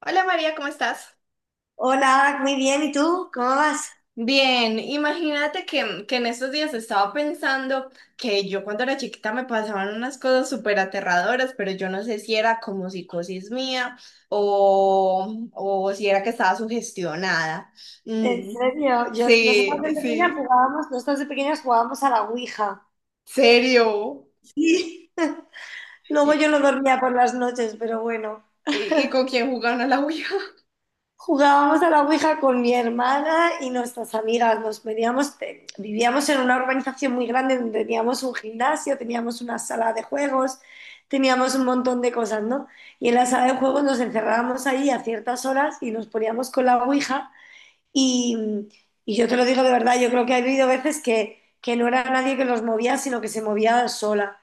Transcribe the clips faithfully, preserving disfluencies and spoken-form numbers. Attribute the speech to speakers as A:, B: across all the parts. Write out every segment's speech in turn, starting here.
A: Hola María, ¿cómo estás?
B: Hola, muy bien, ¿y tú? ¿Cómo vas?
A: Bien, imagínate que, que en estos días estaba pensando que yo cuando era chiquita me pasaban unas cosas súper aterradoras, pero yo no sé si era como psicosis mía o, o si era que estaba sugestionada.
B: En
A: Mm,
B: serio, yo, nosotras
A: Sí,
B: de pequeñas
A: sí,
B: jugábamos, nosotras de pequeñas jugábamos a la Ouija.
A: serio.
B: Sí.
A: ¿Y,
B: Luego yo no
A: y,
B: dormía por las noches, pero bueno.
A: y con quién jugaban a la Ouija?
B: Jugábamos a la Ouija con mi hermana y nuestras amigas. Nos veníamos, te- vivíamos en una urbanización muy grande donde teníamos un gimnasio, teníamos una sala de juegos, teníamos un montón de cosas, ¿no? Y en la sala de juegos nos encerrábamos ahí a ciertas horas y nos poníamos con la Ouija. Y, y yo te lo digo de verdad, yo creo que ha habido veces que, que, no era nadie que los movía, sino que se movía sola.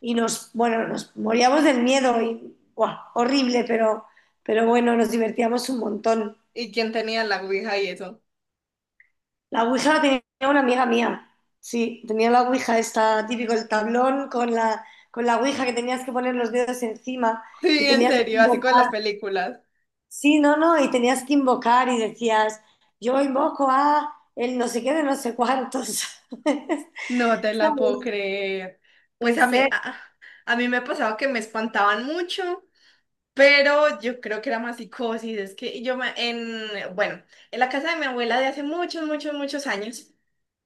B: Y nos, bueno, nos moríamos del miedo y, guau, horrible, pero, pero, bueno, nos divertíamos un montón.
A: ¿Y quién tenía la Ouija y eso?
B: La Ouija la tenía una amiga mía, sí, tenía la Ouija esta, típico el tablón con la, con la Ouija, que tenías que poner los dedos encima y
A: Sí, en
B: tenías que
A: serio, así con las
B: invocar,
A: películas.
B: sí, no, no, y tenías que invocar y decías, yo invoco a el no sé qué de no sé cuántos.
A: No te la puedo creer. Pues
B: En
A: a mí,
B: serio,
A: a, a mí me pasaba que me espantaban mucho, pero yo creo que era más psicosis. Es que yo me, en, bueno, en la casa de mi abuela de hace muchos, muchos, muchos años,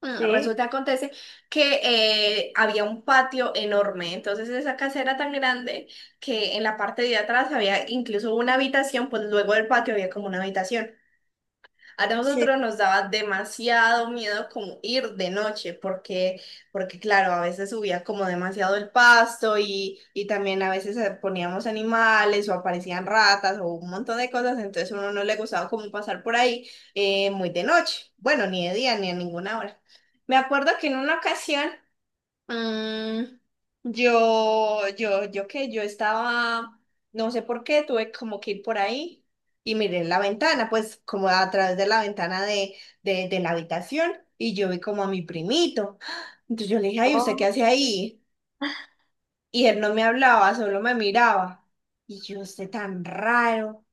A: mm,
B: sí,
A: resulta, acontece que eh, había un patio enorme. Entonces esa casa era tan grande que en la parte de atrás había incluso una habitación, pues luego del patio había como una habitación. A
B: sí.
A: nosotros nos daba demasiado miedo como ir de noche, porque, porque claro, a veces subía como demasiado el pasto y, y también a veces eh, poníamos animales o aparecían ratas o un montón de cosas, entonces a uno no le gustaba como pasar por ahí eh, muy de noche, bueno, ni de día ni a ninguna hora. Me acuerdo que en una ocasión Mm, yo, yo, yo qué, yo estaba, no sé por qué, tuve como que ir por ahí y miré en la ventana, pues como a través de la ventana de, de, de la habitación y yo vi como a mi primito. Entonces yo le dije, ay, ¿usted
B: Oh,
A: qué hace ahí? Y él no me hablaba, solo me miraba. Y yo, usted tan raro.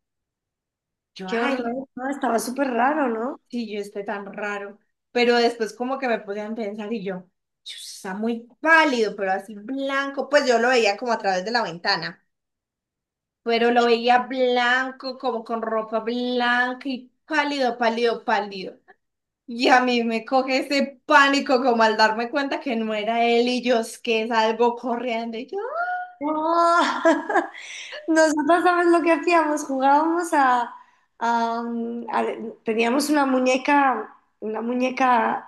A: Yo,
B: qué
A: ay.
B: horror, no, estaba súper raro, ¿no?
A: Sí, yo esté tan raro. Pero después como que me podían pensar y yo, "Chus, está muy pálido, pero así blanco". Pues yo lo veía como a través de la ventana, pero lo
B: Qué-
A: veía blanco, como con ropa blanca y pálido, pálido, pálido. Y a mí me coge ese pánico como al darme cuenta que no era él y yo es que salgo corriendo y yo,
B: ¡Oh! Nosotros, ¿sabes lo que hacíamos? Jugábamos a, a, mm, a- Teníamos una muñeca, una muñeca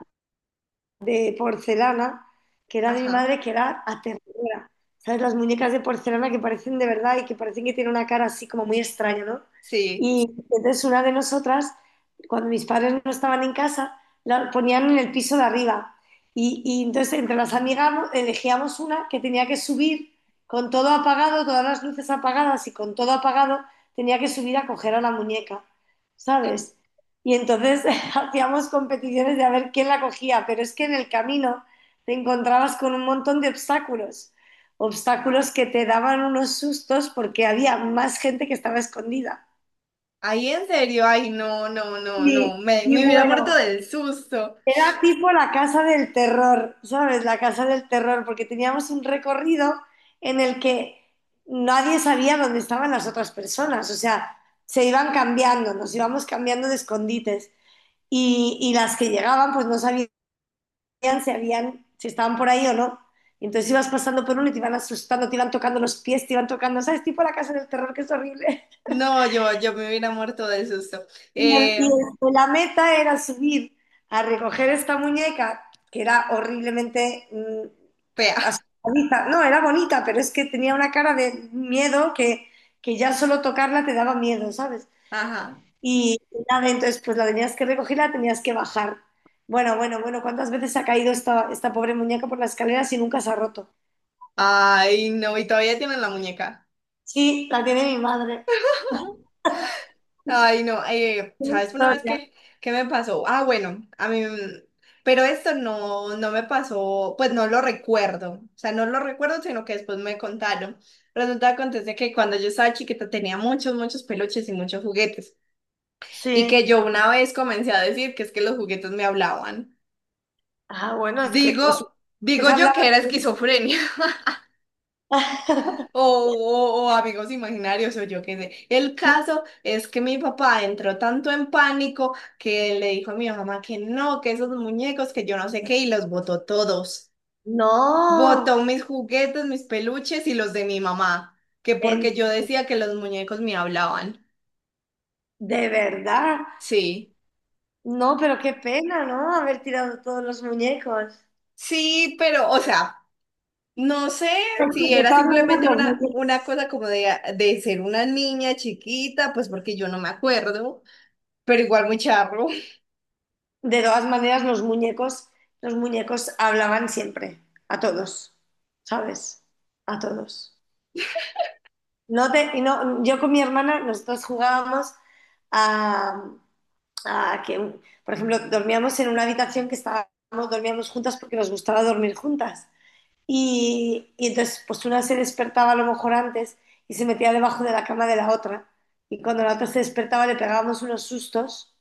B: de porcelana, que era de mi
A: ajá,
B: madre, que era aterradora. ¿Sabes? Las muñecas de porcelana que parecen de verdad y que parecen que tienen una cara así como muy extraña, ¿no?
A: sí.
B: Y entonces una de nosotras, cuando mis padres no estaban en casa, la ponían en el piso de arriba. Y, y entonces entre las amigas no- elegíamos una que tenía que subir con todo apagado, todas las luces apagadas y con todo apagado, tenía que subir a coger a la muñeca, ¿sabes? Y entonces hacíamos competiciones de a ver quién la cogía, pero es que en el camino te encontrabas con un montón de obstáculos, obstáculos que te daban unos sustos porque había más gente que estaba escondida.
A: Ahí en serio, ay, no, no, no,
B: Y,
A: no, me,
B: y
A: me hubiera muerto
B: bueno,
A: del susto.
B: era tipo la casa del terror, ¿sabes? La casa del terror, porque teníamos un recorrido en el que nadie sabía dónde estaban las otras personas, o sea, se iban cambiando, nos íbamos cambiando de escondites y, y las que llegaban pues no sabían si habían, si estaban por ahí o no. Y entonces ibas pasando por uno y te iban asustando, te iban tocando los pies, te iban tocando, ¿sabes? Tipo la casa del terror, que es horrible.
A: No, yo, yo me hubiera muerto del susto.
B: Y, el- y
A: Eh,
B: el- la meta era subir a recoger esta muñeca, que era horriblemente, mm,
A: Pea.
B: asustadiza. No, era bonita, pero es que tenía una cara de miedo que, que ya solo tocarla te daba miedo, ¿sabes?
A: Ajá.
B: Y nada, entonces pues la tenías que recoger, la tenías que bajar. Bueno, bueno, bueno, ¿cuántas veces ha caído esta, esta pobre muñeca por las escaleras y nunca se ha roto?
A: Ay, no, y todavía tienen la muñeca.
B: Sí, la tiene mi madre.
A: Ay, no, eh,
B: Qué
A: ¿sabes una vez
B: historia.
A: qué, qué me pasó? Ah, bueno, a mí, mm, pero esto no, no me pasó, pues no lo recuerdo. O sea, no lo recuerdo, sino que después me contaron. Resulta que acontece que cuando yo estaba chiquita tenía muchos, muchos peluches y muchos juguetes. Y
B: Sí.
A: que yo una vez comencé a decir que es que los juguetes me hablaban.
B: Ah, bueno, es que os,
A: Digo, digo
B: es
A: yo
B: hablar
A: que era
B: así.
A: esquizofrenia. O, o- o amigos imaginarios, o yo qué sé. El caso es que mi papá entró tanto en pánico que le dijo a mi mamá que no, que esos muñecos, que yo no sé qué, y los botó todos.
B: No,
A: Botó mis juguetes, mis peluches y los de mi mamá, que
B: en-
A: porque yo decía que los muñecos me hablaban.
B: de verdad.
A: Sí,
B: No, pero qué pena, ¿no? Haber tirado todos los muñecos.
A: sí, pero, o sea, no sé
B: De
A: si era
B: todas
A: simplemente
B: maneras, los
A: una,
B: muñecos,
A: una cosa como de, de ser una niña chiquita, pues porque yo no me acuerdo, pero igual muy charro.
B: de todas maneras, los muñecos, los muñecos hablaban siempre, a todos, ¿sabes? A todos. No te, y no, yo con mi hermana, nosotros jugábamos a, a que, un- por ejemplo, dormíamos en una habitación que estábamos, dormíamos juntas porque nos gustaba dormir juntas. Y, y entonces, pues una se despertaba a lo mejor antes y se metía debajo de la cama de la otra. Y cuando la otra se despertaba le pegábamos unos sustos,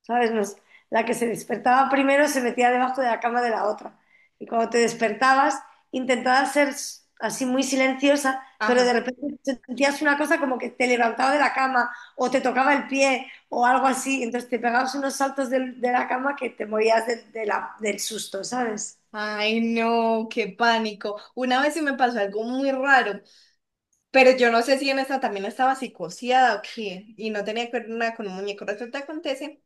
B: ¿sabes? Nos- la que se despertaba primero se metía debajo de la cama de la otra. Y cuando te despertabas, intentabas ser, s- así, muy silenciosa, pero de
A: Ajá.
B: repente sentías una cosa como que te levantaba de la cama o te tocaba el pie o algo así. Entonces te pegabas unos saltos del- de, la cama, que te morías de- de la- del susto, ¿sabes?
A: Ay, no, qué pánico. Una vez sí me pasó algo muy raro, pero yo no sé si en esta también estaba psicoseada o qué, y no tenía que ver nada con un muñeco. Resulta que acontece,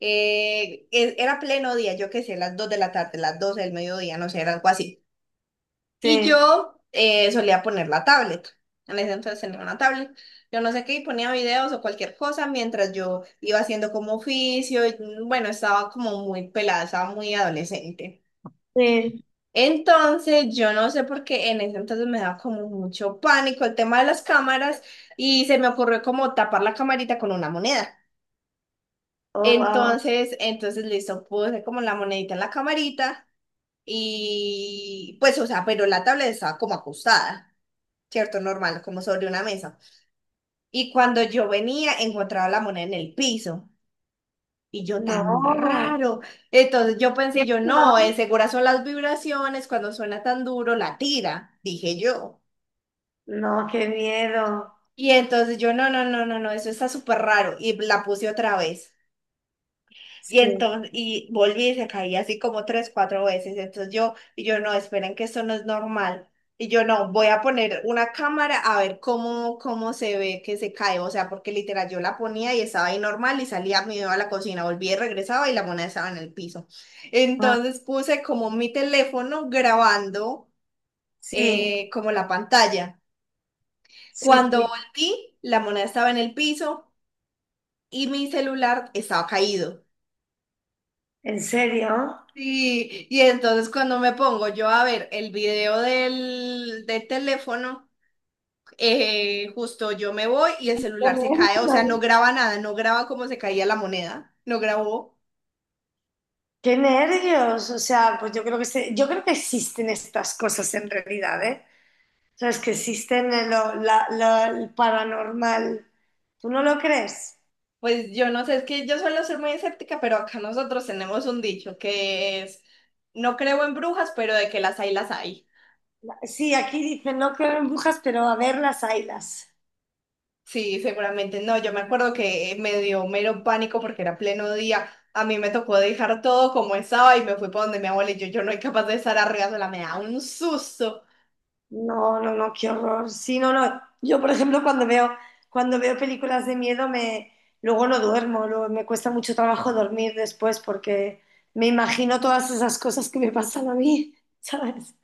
A: eh, e- era pleno día, yo qué sé, las dos de la tarde, las doce del mediodía, no sé, era algo así. Y
B: Sí,
A: yo eh, solía poner la tablet. En ese entonces tenía una tablet. Yo no sé qué, y ponía videos o cualquier cosa mientras yo iba haciendo como oficio. Y, mm, bueno, estaba como muy pelada, estaba muy adolescente.
B: sí.
A: Entonces, yo no sé por qué en ese entonces me daba como mucho pánico el tema de las cámaras y se me ocurrió como tapar la camarita con una moneda.
B: Oh, wow.
A: Entonces, entonces listo, puse como la monedita en la camarita y pues, o sea, pero la tablet estaba como acostada, ¿cierto? Normal, como sobre una mesa. Y cuando yo venía, encontraba la moneda en el piso. Y yo
B: No,
A: tan raro. Entonces yo
B: ¿qué
A: pensé, yo no, eh,
B: no?
A: segura son las vibraciones, cuando suena tan duro, la tira, dije yo.
B: No, qué miedo.
A: Y entonces yo, no, no, no, no, no, eso está súper raro. Y la puse otra vez. Y
B: Sí.
A: entonces, y volví y se caía así como tres, cuatro veces. Entonces yo, y yo, no, esperen que esto no es normal. Y yo, no, voy a poner una cámara a ver cómo, cómo se ve que se cae. O sea, porque literal yo la ponía y estaba ahí normal y salía, me iba a la cocina, volvía y regresaba y la moneda estaba en el piso.
B: Ah,
A: Entonces puse como mi teléfono grabando
B: sí,
A: eh, como la pantalla.
B: sí,
A: Cuando
B: sí.
A: volví, la moneda estaba en el piso y mi celular estaba caído.
B: ¿En serio?
A: Sí, y entonces cuando me pongo yo a ver el video del, del teléfono, eh, justo yo me voy y el
B: Qué
A: celular se cae, o sea, no
B: nervios.
A: graba nada, no graba cómo se caía la moneda, no grabó.
B: Qué nervios. O sea, pues yo creo que se- yo creo que existen estas cosas en realidad, ¿eh? Sabes que existen, eh, lo- la- la- el paranormal. ¿Tú no lo crees?
A: Pues yo no sé, es que yo suelo ser muy escéptica, pero acá nosotros tenemos un dicho que es, no creo en brujas, pero de que las hay, las hay.
B: Sí, aquí dicen no creo en brujas, pero a ver, las haylas.
A: Sí, seguramente no. Yo me acuerdo que me dio mero pánico porque era pleno día. A mí me tocó dejar todo como estaba y me fui para donde mi abuela y yo, yo no soy capaz de estar arriba sola, me da un susto.
B: No, no, no, qué horror. Sí, no, no. Yo, por ejemplo, cuando veo, cuando veo películas de miedo, me, luego no duermo, luego me cuesta mucho trabajo dormir después porque me imagino todas esas cosas que me pasan a mí, ¿sabes?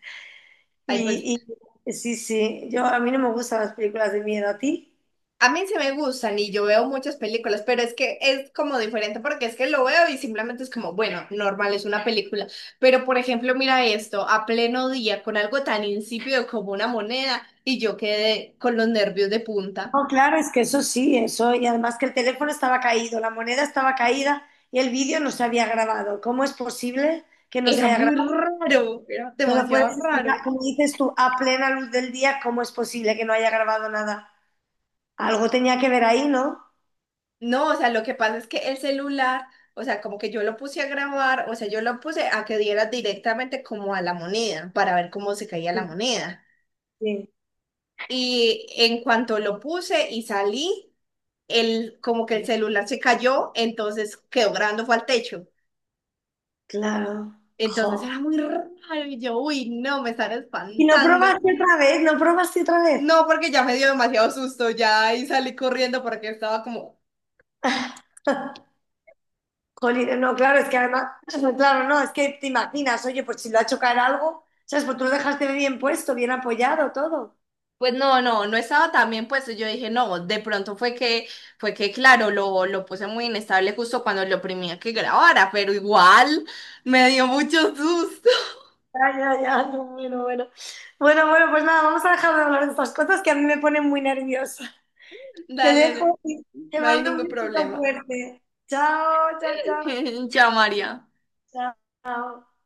A: Ay, pues
B: Y, y sí, sí, yo, a mí no me gustan las películas de miedo, ¿a ti?
A: a mí sí me gustan y yo veo muchas películas, pero es que es como diferente porque es que lo veo y simplemente es como, bueno, normal, es una película. Pero por ejemplo, mira esto, a pleno día con algo tan insípido como una moneda y yo quedé con los nervios de punta.
B: No, claro, es que eso sí. eso, Y además, que el teléfono estaba caído, la moneda estaba caída y el vídeo no se había grabado. ¿Cómo es posible que no se
A: Era
B: haya
A: muy
B: grabado?
A: raro, era
B: ¿Me lo
A: demasiado
B: puedes explicar?
A: raro.
B: Como dices tú, a plena luz del día, ¿cómo es posible que no haya grabado nada? Algo tenía que ver ahí, ¿no?
A: No, o sea, lo que pasa es que el celular, o sea, como que yo lo puse a grabar, o sea, yo lo puse a que diera directamente como a la moneda para ver cómo se caía la
B: Sí,
A: moneda.
B: sí.
A: Y en cuanto lo puse y salí, el, como que el celular se cayó, entonces quedó grabando fue al techo.
B: Claro.
A: Entonces
B: Jo.
A: era muy raro y yo, uy, no, me están
B: ¿Y no
A: espantando.
B: probaste otra vez? ¿No probaste otra vez?
A: No, porque ya me dio demasiado susto ya y salí corriendo porque estaba como,
B: Jolín, no, claro, es que además, claro, no, es que te imaginas, oye, pues si lo ha hecho caer algo, ¿sabes? Pues tú lo dejaste bien puesto, bien apoyado, todo.
A: pues no, no, no estaba tan bien puesto. Yo dije, no, de pronto fue que, fue que, claro, lo, lo puse muy inestable justo cuando lo oprimía que grabara, pero igual me dio mucho susto.
B: Ya, ya, ya, no, bueno, bueno. Bueno, bueno, pues nada, vamos a dejar de hablar de estas cosas que a mí me ponen muy nerviosa. Te
A: Dale,
B: dejo y te
A: no hay
B: mando un
A: ningún
B: besito
A: problema.
B: fuerte. Chao, chao, chao.
A: Ya, María.
B: Chao.